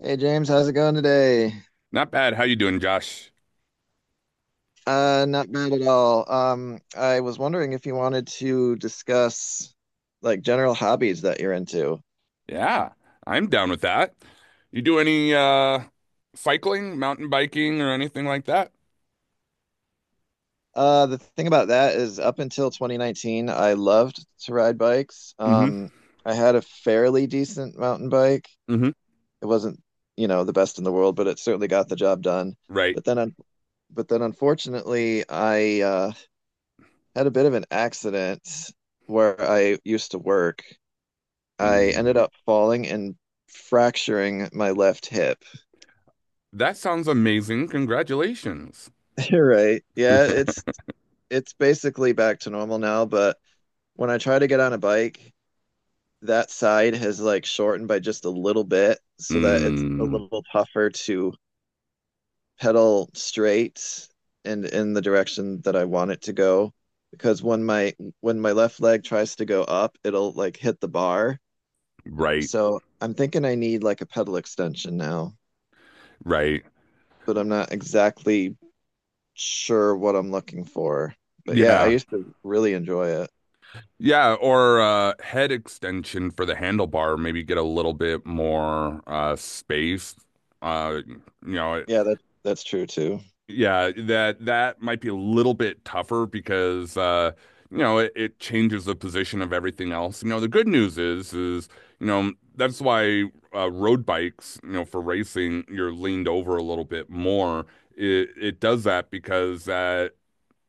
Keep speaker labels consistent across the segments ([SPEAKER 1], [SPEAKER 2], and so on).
[SPEAKER 1] Hey James, how's it going today?
[SPEAKER 2] Not bad. How you doing, Josh?
[SPEAKER 1] Not bad at all. I was wondering if you wanted to discuss like general hobbies that you're into.
[SPEAKER 2] Yeah, I'm down with that. You do any cycling, mountain biking, or anything like that?
[SPEAKER 1] The thing about that is up until 2019, I loved to ride bikes.
[SPEAKER 2] Hmm.
[SPEAKER 1] I had a fairly decent mountain bike.
[SPEAKER 2] Hmm.
[SPEAKER 1] It wasn't, the best in the world, but it certainly got the job done.
[SPEAKER 2] Right.
[SPEAKER 1] But then, un but then unfortunately, I had a bit of an accident where I used to work. I ended
[SPEAKER 2] Mm.
[SPEAKER 1] up falling and fracturing my left hip.
[SPEAKER 2] That sounds amazing. Congratulations.
[SPEAKER 1] You're right. Yeah, it's basically back to normal now, but when I try to get on a bike, that side has like shortened by just a little bit so that it's a
[SPEAKER 2] Mm.
[SPEAKER 1] little tougher to pedal straight and in the direction that I want it to go. Because when my left leg tries to go up, it'll like hit the bar.
[SPEAKER 2] Right.
[SPEAKER 1] So I'm thinking I need like a pedal extension now,
[SPEAKER 2] Right.
[SPEAKER 1] but I'm not exactly sure what I'm looking for. But yeah, I
[SPEAKER 2] Yeah.
[SPEAKER 1] used to really enjoy it.
[SPEAKER 2] Yeah, or head extension for the handlebar, maybe get a little bit more space. Uh you know,
[SPEAKER 1] Yeah, that's true too.
[SPEAKER 2] Yeah, that might be a little bit tougher because you know, it changes the position of everything else. You know, the good news is, you know, that's why road bikes, you know, for racing, you're leaned over a little bit more. It does that because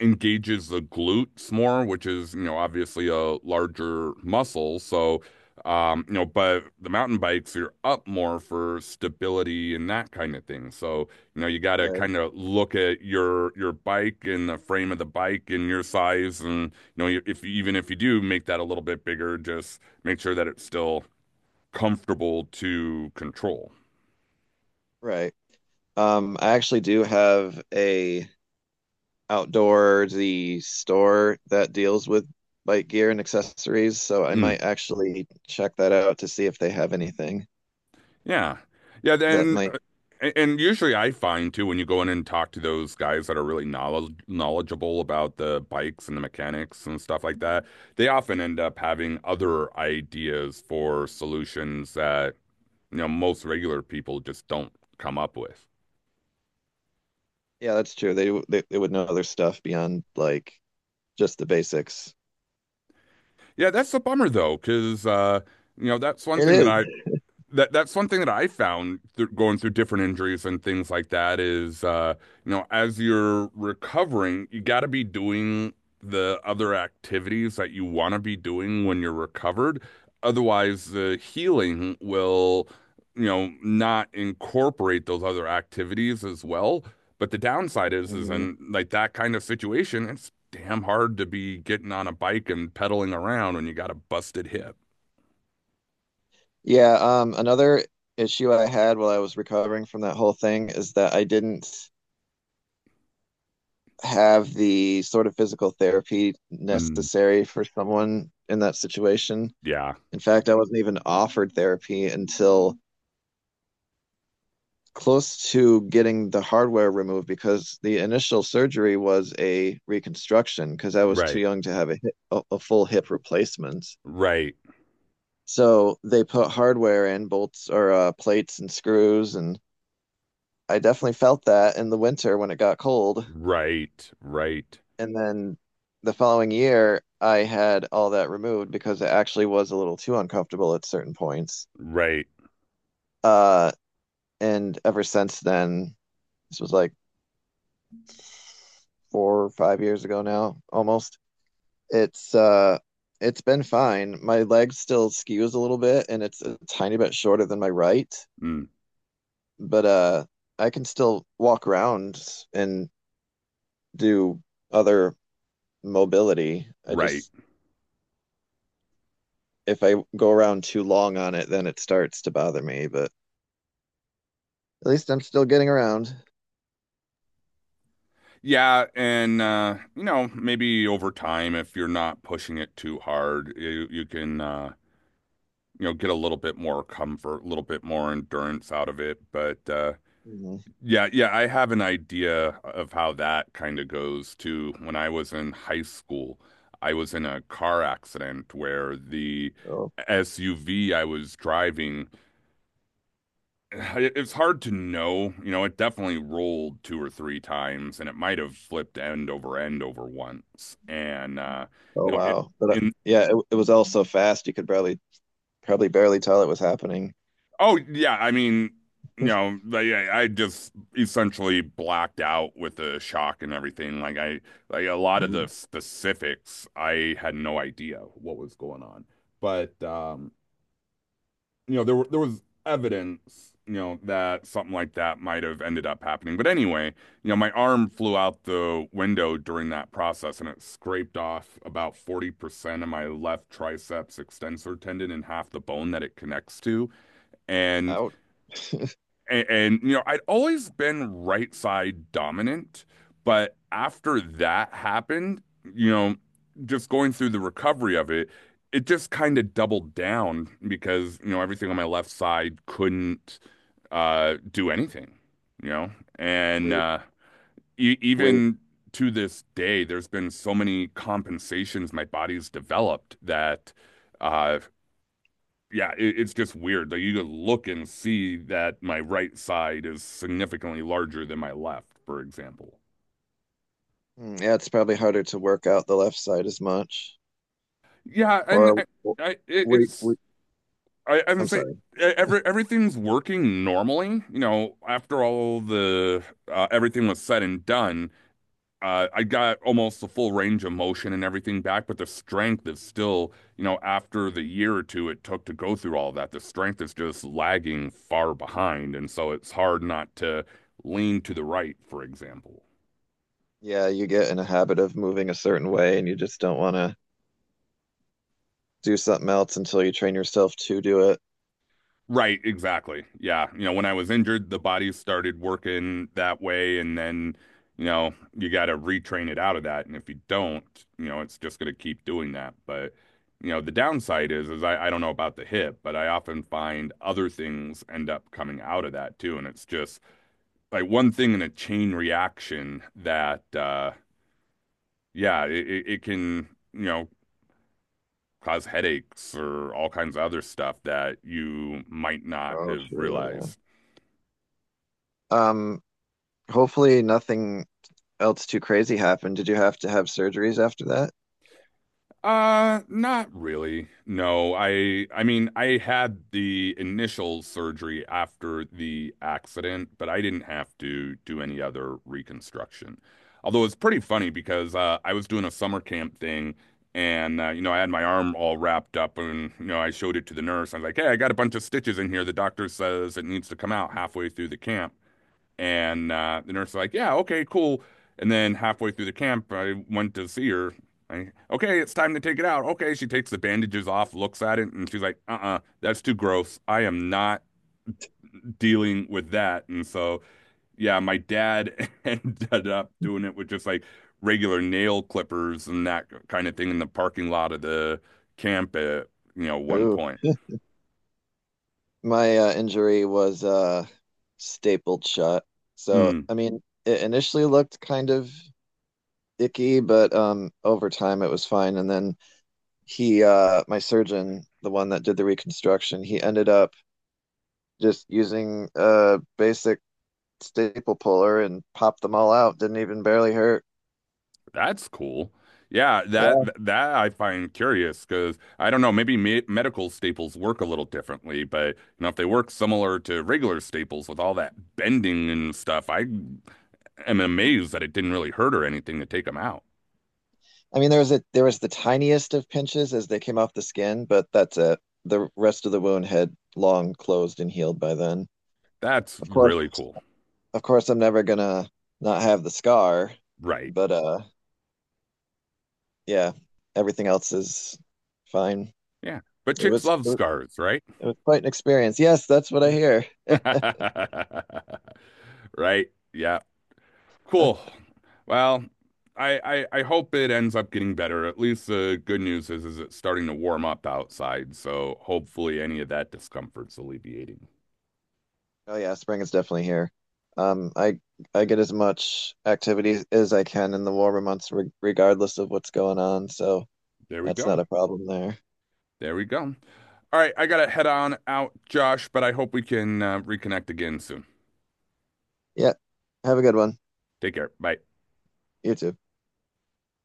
[SPEAKER 2] engages the glutes more, which is, you know, obviously a larger muscle. So, you know, but the mountain bikes, you're up more for stability and that kind of thing. So, you know, you got to
[SPEAKER 1] Right,
[SPEAKER 2] kind of look at your bike and the frame of the bike and your size, and you know, if even if you do make that a little bit bigger, just make sure that it's still comfortable to control.
[SPEAKER 1] right. I actually do have a outdoorsy store that deals with bike gear and accessories, so I
[SPEAKER 2] Mm.
[SPEAKER 1] might actually check that out to see if they have anything
[SPEAKER 2] Yeah. Yeah,
[SPEAKER 1] that
[SPEAKER 2] then,
[SPEAKER 1] might.
[SPEAKER 2] and usually I find too when you go in and talk to those guys that are really knowledgeable about the bikes and the mechanics and stuff like that, they often end up having other ideas for solutions that, you know, most regular people just don't come up with.
[SPEAKER 1] Yeah, that's true. They would know other stuff beyond like just the basics.
[SPEAKER 2] Yeah, that's a bummer though, 'cause you know,
[SPEAKER 1] It is.
[SPEAKER 2] that's one thing that I found through going through different injuries and things like that is you know, as you're recovering, you got to be doing the other activities that you want to be doing when you're recovered. Otherwise, the healing will not incorporate those other activities as well. But the downside is
[SPEAKER 1] Mhm.
[SPEAKER 2] in like that kind of situation, it's damn hard to be getting on a bike and pedaling around when you got a busted hip.
[SPEAKER 1] Yeah, another issue I had while I was recovering from that whole thing is that I didn't have the sort of physical therapy
[SPEAKER 2] Mm,
[SPEAKER 1] necessary for someone in that situation.
[SPEAKER 2] yeah,
[SPEAKER 1] In fact, I wasn't even offered therapy until close to getting the hardware removed because the initial surgery was a reconstruction because I was too
[SPEAKER 2] right.
[SPEAKER 1] young to have a full hip replacement.
[SPEAKER 2] Right.
[SPEAKER 1] So they put hardware in bolts or plates and screws, and I definitely felt that in the winter when it got cold.
[SPEAKER 2] Right, right,
[SPEAKER 1] And then the following year, I had all that removed because it actually was a little too uncomfortable at certain points.
[SPEAKER 2] right,
[SPEAKER 1] Uh, and ever since then, this was like 4 or 5 years ago now, almost. It's uh, it's been fine. My leg still skews a little bit, and it's a tiny bit shorter than my right,
[SPEAKER 2] mm,
[SPEAKER 1] but I can still walk around and do other mobility. I
[SPEAKER 2] right.
[SPEAKER 1] just if I go around too long on it, then it starts to bother me, but at least I'm still getting around.
[SPEAKER 2] Yeah, and you know, maybe over time, if you're not pushing it too hard, you can, you know, get a little bit more comfort, a little bit more endurance out of it. But
[SPEAKER 1] Mhm.
[SPEAKER 2] yeah, yeah, I have an idea of how that kind of goes too. When I was in high school, I was in a car accident where the
[SPEAKER 1] Oh,
[SPEAKER 2] SUV I was driving. It's hard to know. You know, it definitely rolled two or three times, and it might have flipped end over end over once. And
[SPEAKER 1] oh
[SPEAKER 2] you know, it,
[SPEAKER 1] wow. But
[SPEAKER 2] in
[SPEAKER 1] yeah, it was all so fast you could barely, probably barely tell it was happening.
[SPEAKER 2] oh yeah, I mean, you know, like, I just essentially blacked out with the shock and everything. Like a lot of the
[SPEAKER 1] Mhm.
[SPEAKER 2] specifics, I had no idea what was going on. But you know, there was evidence, you know, that something like that might have ended up happening. But anyway, you know, my arm flew out the window during that process and it scraped off about 40% of my left triceps extensor tendon and half the bone that it connects to. And
[SPEAKER 1] Out.
[SPEAKER 2] and you know, I'd always been right side dominant, but after that happened, you know, just going through the recovery of it, it just kind of doubled down because, you know, everything on my left side couldn't do anything, you know. And
[SPEAKER 1] Were you,
[SPEAKER 2] e
[SPEAKER 1] were you,
[SPEAKER 2] even to this day, there's been so many compensations my body's developed that, uh yeah, it's just weird. Like you could look and see that my right side is significantly larger than my left, for example.
[SPEAKER 1] Mm, yeah, it's probably harder to work out the left side as much.
[SPEAKER 2] Yeah, and
[SPEAKER 1] Or w-
[SPEAKER 2] I it, it's
[SPEAKER 1] were,
[SPEAKER 2] I would
[SPEAKER 1] I'm
[SPEAKER 2] say
[SPEAKER 1] sorry.
[SPEAKER 2] everything's working normally. You know, after all the, everything was said and done. I got almost the full range of motion and everything back, but the strength is still, you know, after the year or two it took to go through all that, the strength is just lagging far behind. And so it's hard not to lean to the right, for example.
[SPEAKER 1] Yeah, you get in a habit of moving a certain way and you just don't want to do something else until you train yourself to do it.
[SPEAKER 2] Right, exactly. Yeah. You know, when I was injured, the body started working that way, and then, you know, you got to retrain it out of that. And if you don't, you know, it's just going to keep doing that. But, you know, the downside is I don't know about the hip, but I often find other things end up coming out of that too. And it's just like one thing in a chain reaction that, yeah, it can, you know, cause headaches or all kinds of other stuff that you might not
[SPEAKER 1] Oh,
[SPEAKER 2] have
[SPEAKER 1] true.
[SPEAKER 2] realized.
[SPEAKER 1] Yeah. Hopefully nothing else too crazy happened. Did you have to have surgeries after that?
[SPEAKER 2] Not really. No, I mean, I had the initial surgery after the accident, but I didn't have to do any other reconstruction. Although it's pretty funny because I was doing a summer camp thing and you know, I had my arm all wrapped up and you know, I showed it to the nurse. I was like, "Hey, I got a bunch of stitches in here. The doctor says it needs to come out halfway through the camp." And the nurse was like, yeah, okay, cool. And then halfway through the camp, I went to see her. Okay, it's time to take it out. Okay, she takes the bandages off, looks at it, and she's like, uh-uh, that's too gross. I am not dealing with that. And so, yeah, my dad ended up doing it with just like regular nail clippers and that kind of thing in the parking lot of the camp at, you know, one
[SPEAKER 1] Ooh.
[SPEAKER 2] point.
[SPEAKER 1] My injury was stapled shut. So,
[SPEAKER 2] Mm.
[SPEAKER 1] I mean, it initially looked kind of icky, but over time it was fine. And then my surgeon, the one that did the reconstruction, he ended up just using a basic staple puller and popped them all out. Didn't even barely hurt.
[SPEAKER 2] That's cool. Yeah, that
[SPEAKER 1] Yeah.
[SPEAKER 2] that I find curious because I don't know, maybe me medical staples work a little differently, but you know, if they work similar to regular staples with all that bending and stuff, I am amazed that it didn't really hurt or anything to take them out.
[SPEAKER 1] I mean, there was the tiniest of pinches as they came off the skin, but that's it. The rest of the wound had long closed and healed by then.
[SPEAKER 2] That's
[SPEAKER 1] Of course.
[SPEAKER 2] really cool.
[SPEAKER 1] Of course I'm never gonna not have the scar,
[SPEAKER 2] Right.
[SPEAKER 1] but yeah, everything else is fine.
[SPEAKER 2] Yeah. But
[SPEAKER 1] It
[SPEAKER 2] chicks
[SPEAKER 1] was
[SPEAKER 2] love
[SPEAKER 1] it was
[SPEAKER 2] scars, right?
[SPEAKER 1] it was quite an experience. Yes, that's what I hear.
[SPEAKER 2] Right. Yeah. Cool. Well, I, I hope it ends up getting better. At least the good news is it's starting to warm up outside, so hopefully any of that discomfort's alleviating.
[SPEAKER 1] Oh yeah, spring is definitely here. Um, I I get as much activity as I can in the warmer months, re regardless of what's going on, so
[SPEAKER 2] There we
[SPEAKER 1] that's not
[SPEAKER 2] go.
[SPEAKER 1] a problem there.
[SPEAKER 2] There we go. All right, I gotta head on out, Josh, but I hope we can reconnect again soon.
[SPEAKER 1] Yeah, have a good one.
[SPEAKER 2] Take care. Bye.
[SPEAKER 1] You too.